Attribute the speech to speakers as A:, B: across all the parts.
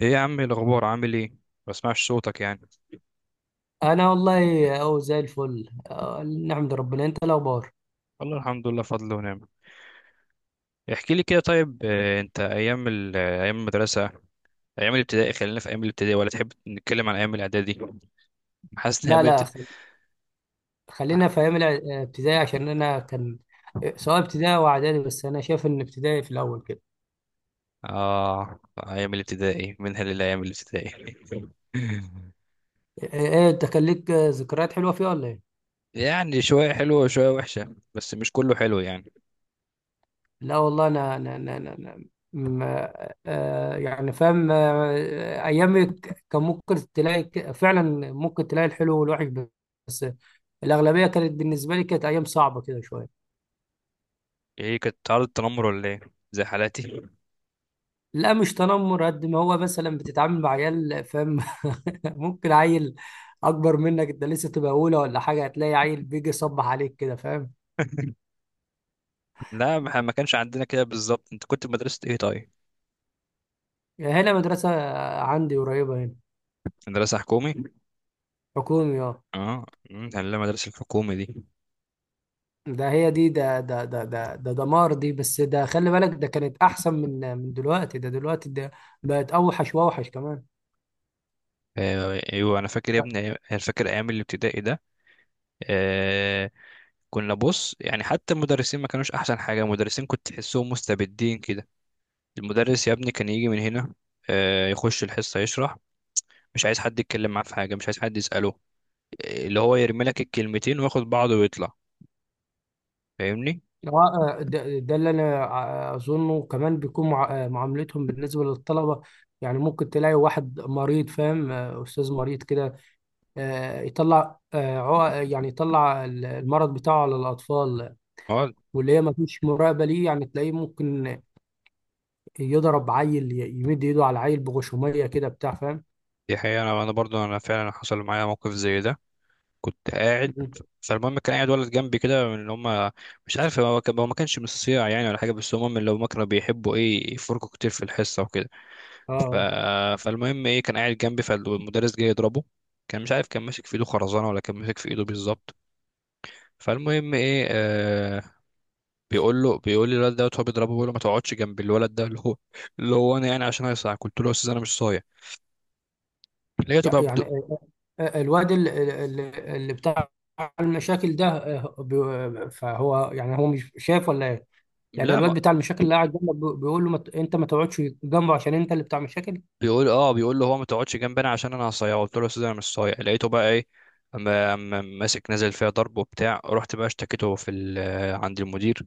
A: ايه يا عم؟ إيه الاخبار؟ عامل ايه؟ ما بسمعش صوتك يعني.
B: انا والله اهو زي الفل نحمد ربنا. انت الاخبار؟
A: والله الحمد لله، فضل ونعم. احكي لي كده طيب. انت ايام ايام المدرسه، ايام الابتدائي؟ خلينا في ايام الابتدائي، ولا تحب نتكلم عن ايام الاعدادي؟ حاسس ان
B: لا، لا، خلينا في ايام ابتدائي عشان انا كان، سواء ابتدائي او اعدادي، بس انا شايف ان ابتدائي في الاول كده.
A: اه، ايام الابتدائي منها للايام الابتدائي.
B: ايه إيه، انت كان ليك ذكريات حلوه فيها ولا ايه؟
A: يعني شويه حلوه وشويه وحشه، بس مش كله حلو يعني.
B: لا والله، انا انا انا, أنا, أنا ما يعني فاهم. ايامك كان ممكن تلاقي فعلا ممكن تلاقي الحلو والوحش، بس الاغلبيه كانت بالنسبه لي، كانت ايام صعبه كده شويه.
A: ايه، كانت عرض التنمر ولا ايه؟ زي حالاتي.
B: لا، مش تنمر قد ما هو، مثلا بتتعامل مع عيال، فاهم؟ ممكن عيل اكبر منك، انت لسه تبقى اولى ولا حاجه، هتلاقي عيل بيجي يصبح عليك كده، فاهم؟
A: لا، ما ما كانش عندنا كده بالظبط. انت كنت في مدرسه ايه طيب؟
B: يعني هنا مدرسه، عندي قريبه هنا.
A: مدرسه حكومي؟
B: حكومي، اه.
A: اه. مم، ده اللي المدرسة الحكومة دي.
B: ده هي دي، ده ده ده ده ده دمار دي. بس ده، خلي بالك، ده كانت احسن من دلوقتي. ده دلوقتي ده بقت اوحش واوحش كمان.
A: آه، ايوه، انا فاكر يا ابني انا فاكر ايام الابتدائي ده. آه، كنا بص يعني، حتى المدرسين ما كانوش احسن حاجة. المدرسين كنت تحسهم مستبدين كده. المدرس يا ابني كان يجي من هنا، يخش الحصة يشرح، مش عايز حد يتكلم معاه في حاجة، مش عايز حد يسأله. اللي هو يرمي لك الكلمتين وياخد بعضه ويطلع. فاهمني؟
B: آه، ده اللي انا اظنه كمان بيكون معاملتهم بالنسبه للطلبه. يعني ممكن تلاقي واحد مريض، فاهم؟ استاذ مريض كده، يطلع، يعني يطلع المرض بتاعه على الاطفال.
A: اه.
B: واللي هي ما فيش مراقبه ليه، يعني تلاقيه ممكن يضرب عيل، يمد ايده على عيل بغشوميه كده، بتاع، فاهم؟
A: دي حقيقة، أنا برضو انا فعلا حصل معايا موقف زي ده. كنت قاعد.
B: مم.
A: فالمهم كان قاعد ولد جنبي كده من اللي هم، مش عارف، هو ما كانش من الصيع يعني ولا حاجه، بس هم من اللي هم كانوا بيحبوا ايه، يفركوا كتير في الحصه وكده. ف...
B: اه.
A: فالمهم ايه، كان قاعد جنبي، فالمدرس جه يضربه. كان مش عارف، كان ماسك في ايده خرزانه ولا كان ماسك في ايده بالظبط. فالمهم ايه، آه، بيقول لي الولد دوت هو بيضربه، بيقول له ما تقعدش جنب الولد ده اللي هو، اللي هو انا يعني، عشان هيصاع. قلت له يا استاذ، انا مش صايع. لقيته بقى بد...
B: يعني الواد اللي بتاع المشاكل ده، فهو يعني هو مش شايف ولا؟ يعني
A: لا،
B: الواد بتاع المشاكل اللي قاعد جنبك بيقول له، ما ت- انت ما تقعدش جنبه عشان انت اللي بتاع مشاكل.
A: بيقول اه بيقول له هو ما تقعدش جنبنا عشان انا هصيعه. قلت له يا استاذ انا مش صايع. لقيته بقى ايه، أما ماسك نازل فيها ضرب وبتاع. رحت بقى اشتكيته في عند المدير،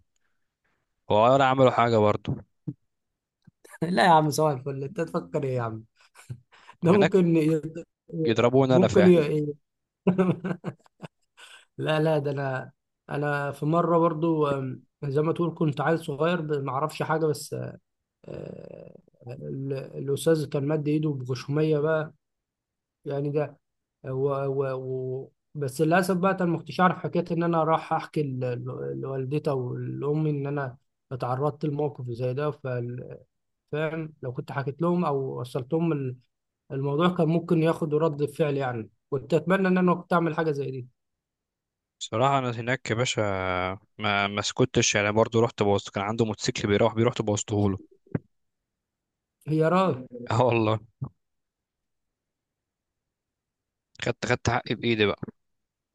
A: هو ولا عملوا حاجه برضه.
B: لا يا عم، صباح الفل! انت تفكر ايه يا عم؟ ده
A: هناك
B: ممكن ي-
A: يضربوني انا
B: ممكن
A: فعلا.
B: ي... لا، لا، ده انا. انا في مره برضو، زي ما تقول كنت عيل صغير، ما اعرفش حاجه. بس آه، الاستاذ كان مد ايده بغشوميه بقى، يعني ده، و... بس للاسف بقى انا ما كنتش اعرف حكايه ان انا راح احكي لوالدتي او لامي ان انا اتعرضت لموقف زي ده. فاهم؟ لو كنت حكيت لهم او وصلت لهم الموضوع، كان ممكن ياخدوا رد فعل، يعني كنت اتمنى ان انا كنت اعمل حاجه زي دي.
A: صراحه انا هناك يا باشا ما سكتش يعني برضه. رحت بوظت، كان عنده موتوسيكل بيروح بيه، رحت بوظته له.
B: هي راي.
A: اه والله، خدت حقي بايدي بقى.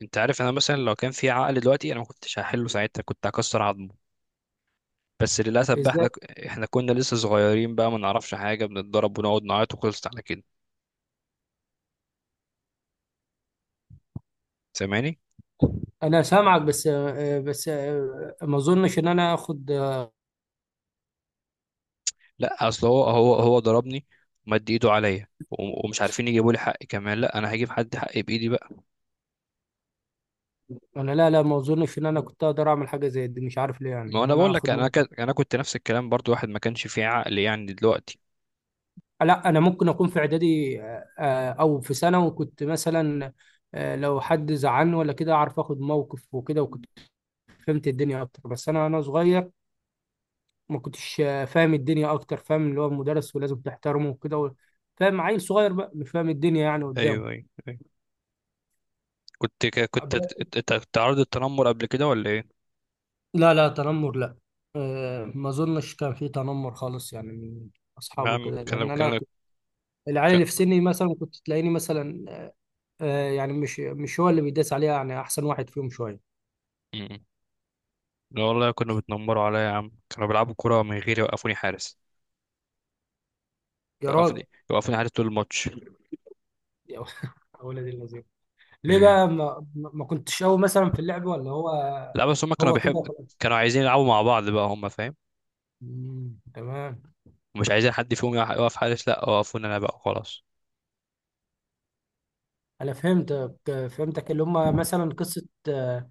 A: انت عارف انا مثلا لو كان في عقل دلوقتي، انا ما كنتش هحله ساعتها، كنت هكسر عظمه. بس للأسف بقى
B: ازاي؟
A: احنا، احنا كنا لسه صغيرين بقى ما نعرفش حاجة، بنتضرب ونقعد نعيط وخلصت على كده. سامعني؟
B: انا سامعك، بس ما اظنش ان انا اخد.
A: لا اصل هو ضربني، ومد ايده عليا ومش عارفين يجيبوا لي حقي كمان. لا، انا هجيب حد حقي بايدي بقى.
B: انا، لا، لا، ما اظنش ان انا كنت اقدر اعمل حاجه زي دي، مش عارف ليه، يعني
A: ما
B: ان
A: انا
B: انا
A: بقول لك،
B: اخد.
A: انا كنت نفس الكلام برضو، واحد ما كانش فيه عقل يعني دلوقتي.
B: لا، انا ممكن اكون في اعدادي او في سنه، وكنت مثلا لو حد زعلني ولا كده اعرف اخد موقف وكده، وكنت فهمت الدنيا اكتر. بس انا صغير، ما كنتش فاهم الدنيا اكتر، فاهم؟ اللي هو المدرس ولازم تحترمه وكده فاهم؟ عيل صغير بقى مش فاهم الدنيا يعني
A: ايوه
B: قدامه.
A: ايوه ايوه. كنت
B: أب-
A: تعرض التنمر قبل كده ولا ايه؟
B: لا، لا تنمر، لا. ما اظنش كان في تنمر خالص، يعني من اصحابه
A: عم
B: كده،
A: كان
B: لان انا
A: كان
B: كنت، العيال
A: كان
B: اللي في سني مثلا كنت تلاقيني، مثلا يعني مش هو اللي بيداس عليها، يعني احسن واحد فيهم شويه.
A: م- لا والله، كانوا بيتنمروا عليا يا عم. كانوا بيلعبوا كرة من غير يوقفوني حارس.
B: يا راجل!
A: يوقفوني حارس طول الماتش.
B: يا ولد اللذين! ليه بقى ما كنتش قوي مثلا في اللعب، ولا هو
A: لا بس هم كانوا
B: هو كده
A: بيحب،
B: وخلاص؟
A: كانوا عايزين يلعبوا مع بعض بقى هم، فاهم؟
B: مم، تمام.
A: ومش عايزين حد فيهم يقف حارس. لا، وقفونا انا بقى خلاص.
B: انا فهمتك، اللي هم مثلا قصه آه،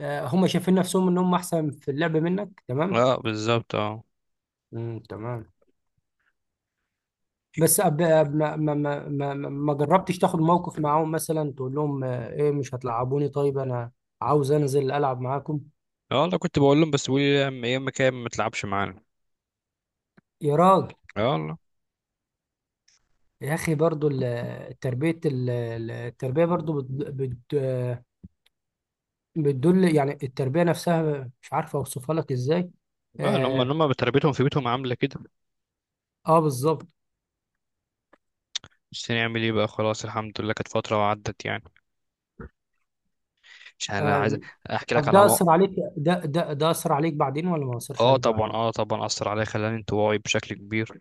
B: آه، هم شايفين نفسهم ان هم احسن في اللعب منك. تمام.
A: اه بالظبط اه.
B: مم، تمام. بس ما جربتش تاخد موقف معاهم، مثلا تقول لهم ايه، مش هتلعبوني؟ طيب انا عاوز انزل العب معاكم.
A: يلا كنت بقول لهم، بس بيقولوا لي يا اما كده ما تلعبش معانا.
B: يا راجل!
A: يلا.
B: يا اخي، برضو التربيه، التربيه برضو بت... بتدل، يعني التربية نفسها مش عارف أوصفها لك إزاي.
A: اه ان هم، ان
B: آه،
A: هم بتربيتهم في بيتهم عامله كده.
B: آه بالظبط.
A: بس نعمل ايه بقى، خلاص الحمد لله، كانت فتره وعدت يعني. مش انا عايز
B: آه.
A: احكي لك
B: طب
A: على
B: ده
A: مو...
B: أثر عليك، ده أثر عليك بعدين ولا ما أثرش
A: اه
B: عليك
A: طبعا
B: بعدين؟
A: اه طبعا اثر عليا، خلاني انطوائي بشكل كبير.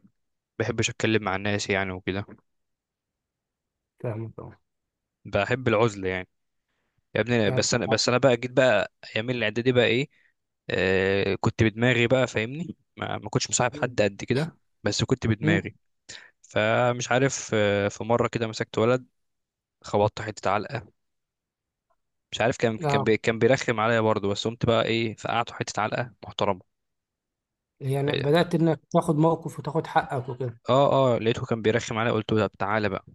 A: بحبش اتكلم مع الناس يعني وكده.
B: فاهمك، أه.
A: بحب العزله يعني. يا ابني،
B: يعني.
A: بس انا بقى جيت بقى ايام الاعدادي بقى ايه، آه كنت بدماغي بقى، فاهمني؟ ما كنتش مصاحب حد قد كده، بس كنت
B: مم.
A: بدماغي. فمش عارف، آه في مره كده مسكت ولد، خبطت حته علقه. مش عارف، كان كان
B: آه،
A: بي كان بيرخم عليا برضه، بس قمت بقى ايه فقعته حته علقه محترمه.
B: يعني
A: إيه،
B: بدأت إنك تاخد موقف وتاخد حقك وكده.
A: اه اه، لقيته كان بيرخم عليا، قلت له طب تعالى بقى.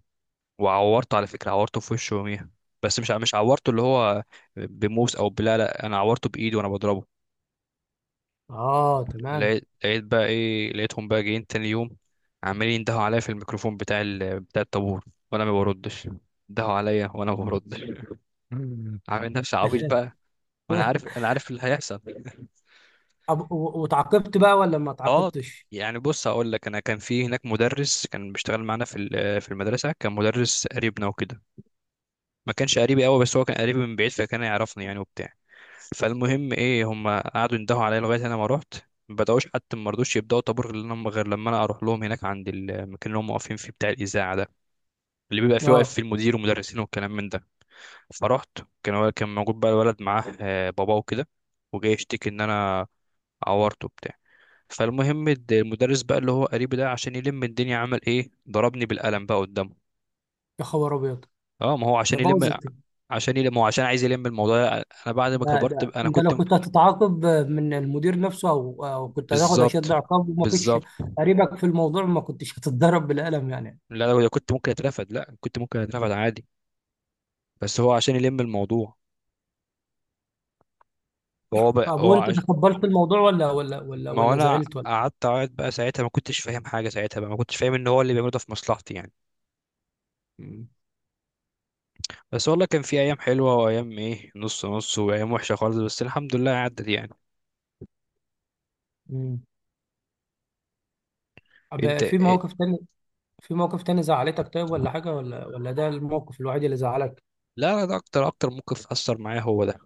A: وعورته على فكره، عورته في وشه يوميها. بس مش عورته اللي هو بموس او لا، انا عورته بايدي وانا بضربه.
B: آه، تمام.
A: لقيت بقى ايه، لقيتهم بقى جايين تاني يوم عمالين يندهوا عليا في الميكروفون بتاع الطابور، وانا ما بردش. يندهوا عليا وانا ما بردش، عامل نفسي عبيط بقى، وانا عارف اللي هيحصل.
B: طب، وتعاقبت بقى ولا ما
A: اه.
B: تعاقبتش؟
A: يعني بص هقول لك، انا كان في هناك مدرس كان بيشتغل معانا في المدرسه، كان مدرس قريبنا وكده. ما كانش قريبي قوي، بس هو كان قريبي من بعيد، فكان يعرفني يعني وبتاع. فالمهم ايه، هم قعدوا يندهوا عليا لغايه انا ما رحت. ما بداوش، حتى ما رضوش يبداوا طابور غير لما انا اروح لهم هناك عند المكان اللي هم واقفين فيه، بتاع الاذاعه ده، اللي بيبقى فيه واقف
B: آه.
A: فيه المدير والمدرسين والكلام من ده. فرحت. كان موجود بقى الولد، معاه باباه وكده، وجاي يشتكي ان انا عورته بتاع. فالمهم المدرس بقى اللي هو قريبي ده، عشان يلم الدنيا عمل ايه، ضربني بالقلم بقى قدامه.
B: يا خبر أبيض!
A: اه ما هو
B: ده
A: عشان يلم،
B: بوظت.
A: عشان يلم هو، عشان عايز يلم الموضوع. انا بعد ما
B: ده
A: كبرت
B: ده
A: بقى- انا
B: انت
A: كنت،
B: لو كنت هتتعاقب من المدير نفسه، او كنت هتاخد اشد
A: بالظبط
B: عقاب، وما فيش
A: بالظبط.
B: قريبك في الموضوع، ما كنتش هتتضرب بالقلم يعني.
A: لا، لو كنت ممكن اترفد، لا كنت ممكن اترفد عادي، بس هو عشان يلم الموضوع. فهو بقى
B: طب
A: هو
B: وانت
A: عش...
B: تقبلت الموضوع، ولا ولا ولا
A: ما هو
B: ولا
A: انا
B: زعلت، ولا؟
A: قعدت اقعد بقى ساعتها، ما كنتش فاهم حاجه ساعتها بقى، ما كنتش فاهم ان هو اللي بيعمله ده في مصلحتي يعني.
B: مم.
A: بس والله كان في ايام حلوه، وايام ايه نص نص، وايام وحشه خالص، بس الحمد لله عدت يعني.
B: مم. طب
A: انت
B: في
A: إيه؟
B: موقف تاني؟ في موقف تاني زعلتك طيب، ولا حاجة، ولا ده الموقف الوحيد اللي زعلك؟
A: لا لا، ده اكتر، اكتر موقف اثر معايا هو ده.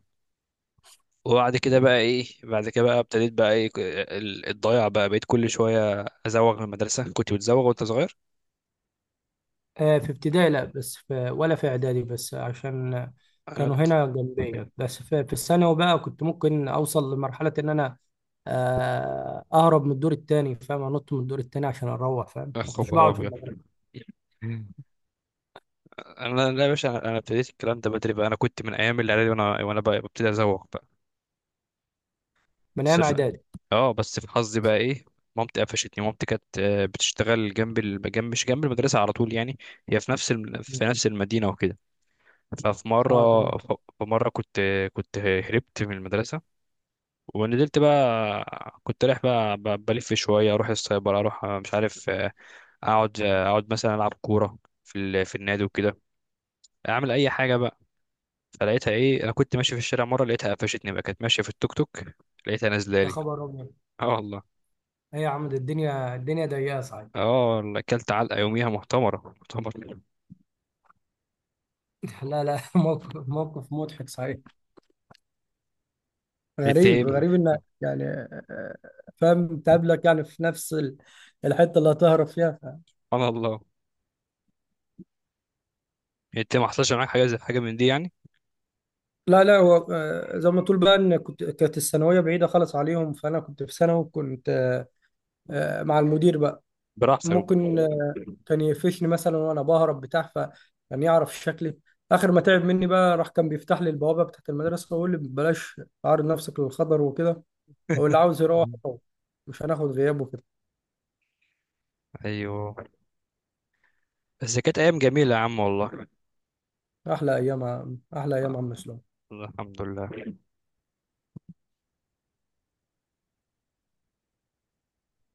A: وبعد كده بقى ايه، بعد كده بقى ابتديت بقى ايه الضياع بقى، بقيت كل شويه ازوغ من المدرسه. كنت بتزوغ وانت صغير؟
B: في ابتدائي لا، بس في، ولا في اعدادي، بس عشان
A: انا
B: كانوا
A: بت...
B: هنا جنبيا. بس في الثانوي بقى، كنت ممكن اوصل لمرحلة ان انا اهرب من الدور التاني، فاهم؟ انط من الدور التاني عشان اروح، فاهم؟
A: يا
B: ما كنتش
A: خبر
B: بقعد في
A: ابيض.
B: المدرسة.
A: انا لا يا باشا، انا ابتديت الكلام ده بدري بقى، انا كنت من ايام الاعدادي وانا، بقى ببتدي ازوق بقى.
B: من
A: بس
B: ايام
A: ف-
B: اعدادي.
A: اه بس في حظي بقى ايه، مامتي قفشتني. مامتي كانت، بتشتغل جنب جنب، مش جنب المدرسه على طول يعني، هي في في نفس المدينه وكده. ففي
B: اه،
A: مره
B: تمام.
A: ف- في مره كنت، كنت هربت من المدرسه، ونزلت بقى كنت رايح بقى بلف شويه، اروح السايبر، اروح مش عارف، اقعد مثلا العب كوره في النادي وكده، اعمل اي حاجه بقى. فلقيتها ايه، انا كنت ماشي في الشارع مره، لقيتها قفشتني بقى، كانت ماشيه في التوك توك، لقيتها نازله
B: يا
A: لي.
B: خبر ابيض!
A: اه والله.
B: هي يا عم، ده الدنيا ضيقة صحيح.
A: اه والله اكلت علقه يوميها، محتمره محتمره.
B: لا، لا، موقف مضحك صحيح.
A: انت
B: غريب،
A: ايه؟ سبحان
B: غريب انك يعني آه، فاهم؟ تقابلك يعني في نفس الحتة اللي هتهرب فيها.
A: الله. انت ما حصلش معاك حاجه زي حاجه من دي يعني؟
B: لا، لا، هو زي ما تقول بقى، ان كنت، كانت الثانويه بعيده خالص عليهم، فانا كنت في ثانوي كنت مع المدير بقى.
A: براحتك
B: ممكن
A: بقى.
B: كان يقفشني مثلا وانا بهرب بتاع، فكان يعرف شكلي. اخر ما تعب مني بقى، راح كان بيفتح لي البوابه بتاعت المدرسه ويقول لي بلاش تعرض نفسك للخطر وكده. هو اللي عاوز يروح يروح. مش هناخد غياب وكده.
A: ايوه. بس كانت ايام جميله يا عم والله.
B: احلى ايام يا
A: آه،
B: عم اسلام.
A: الحمد لله.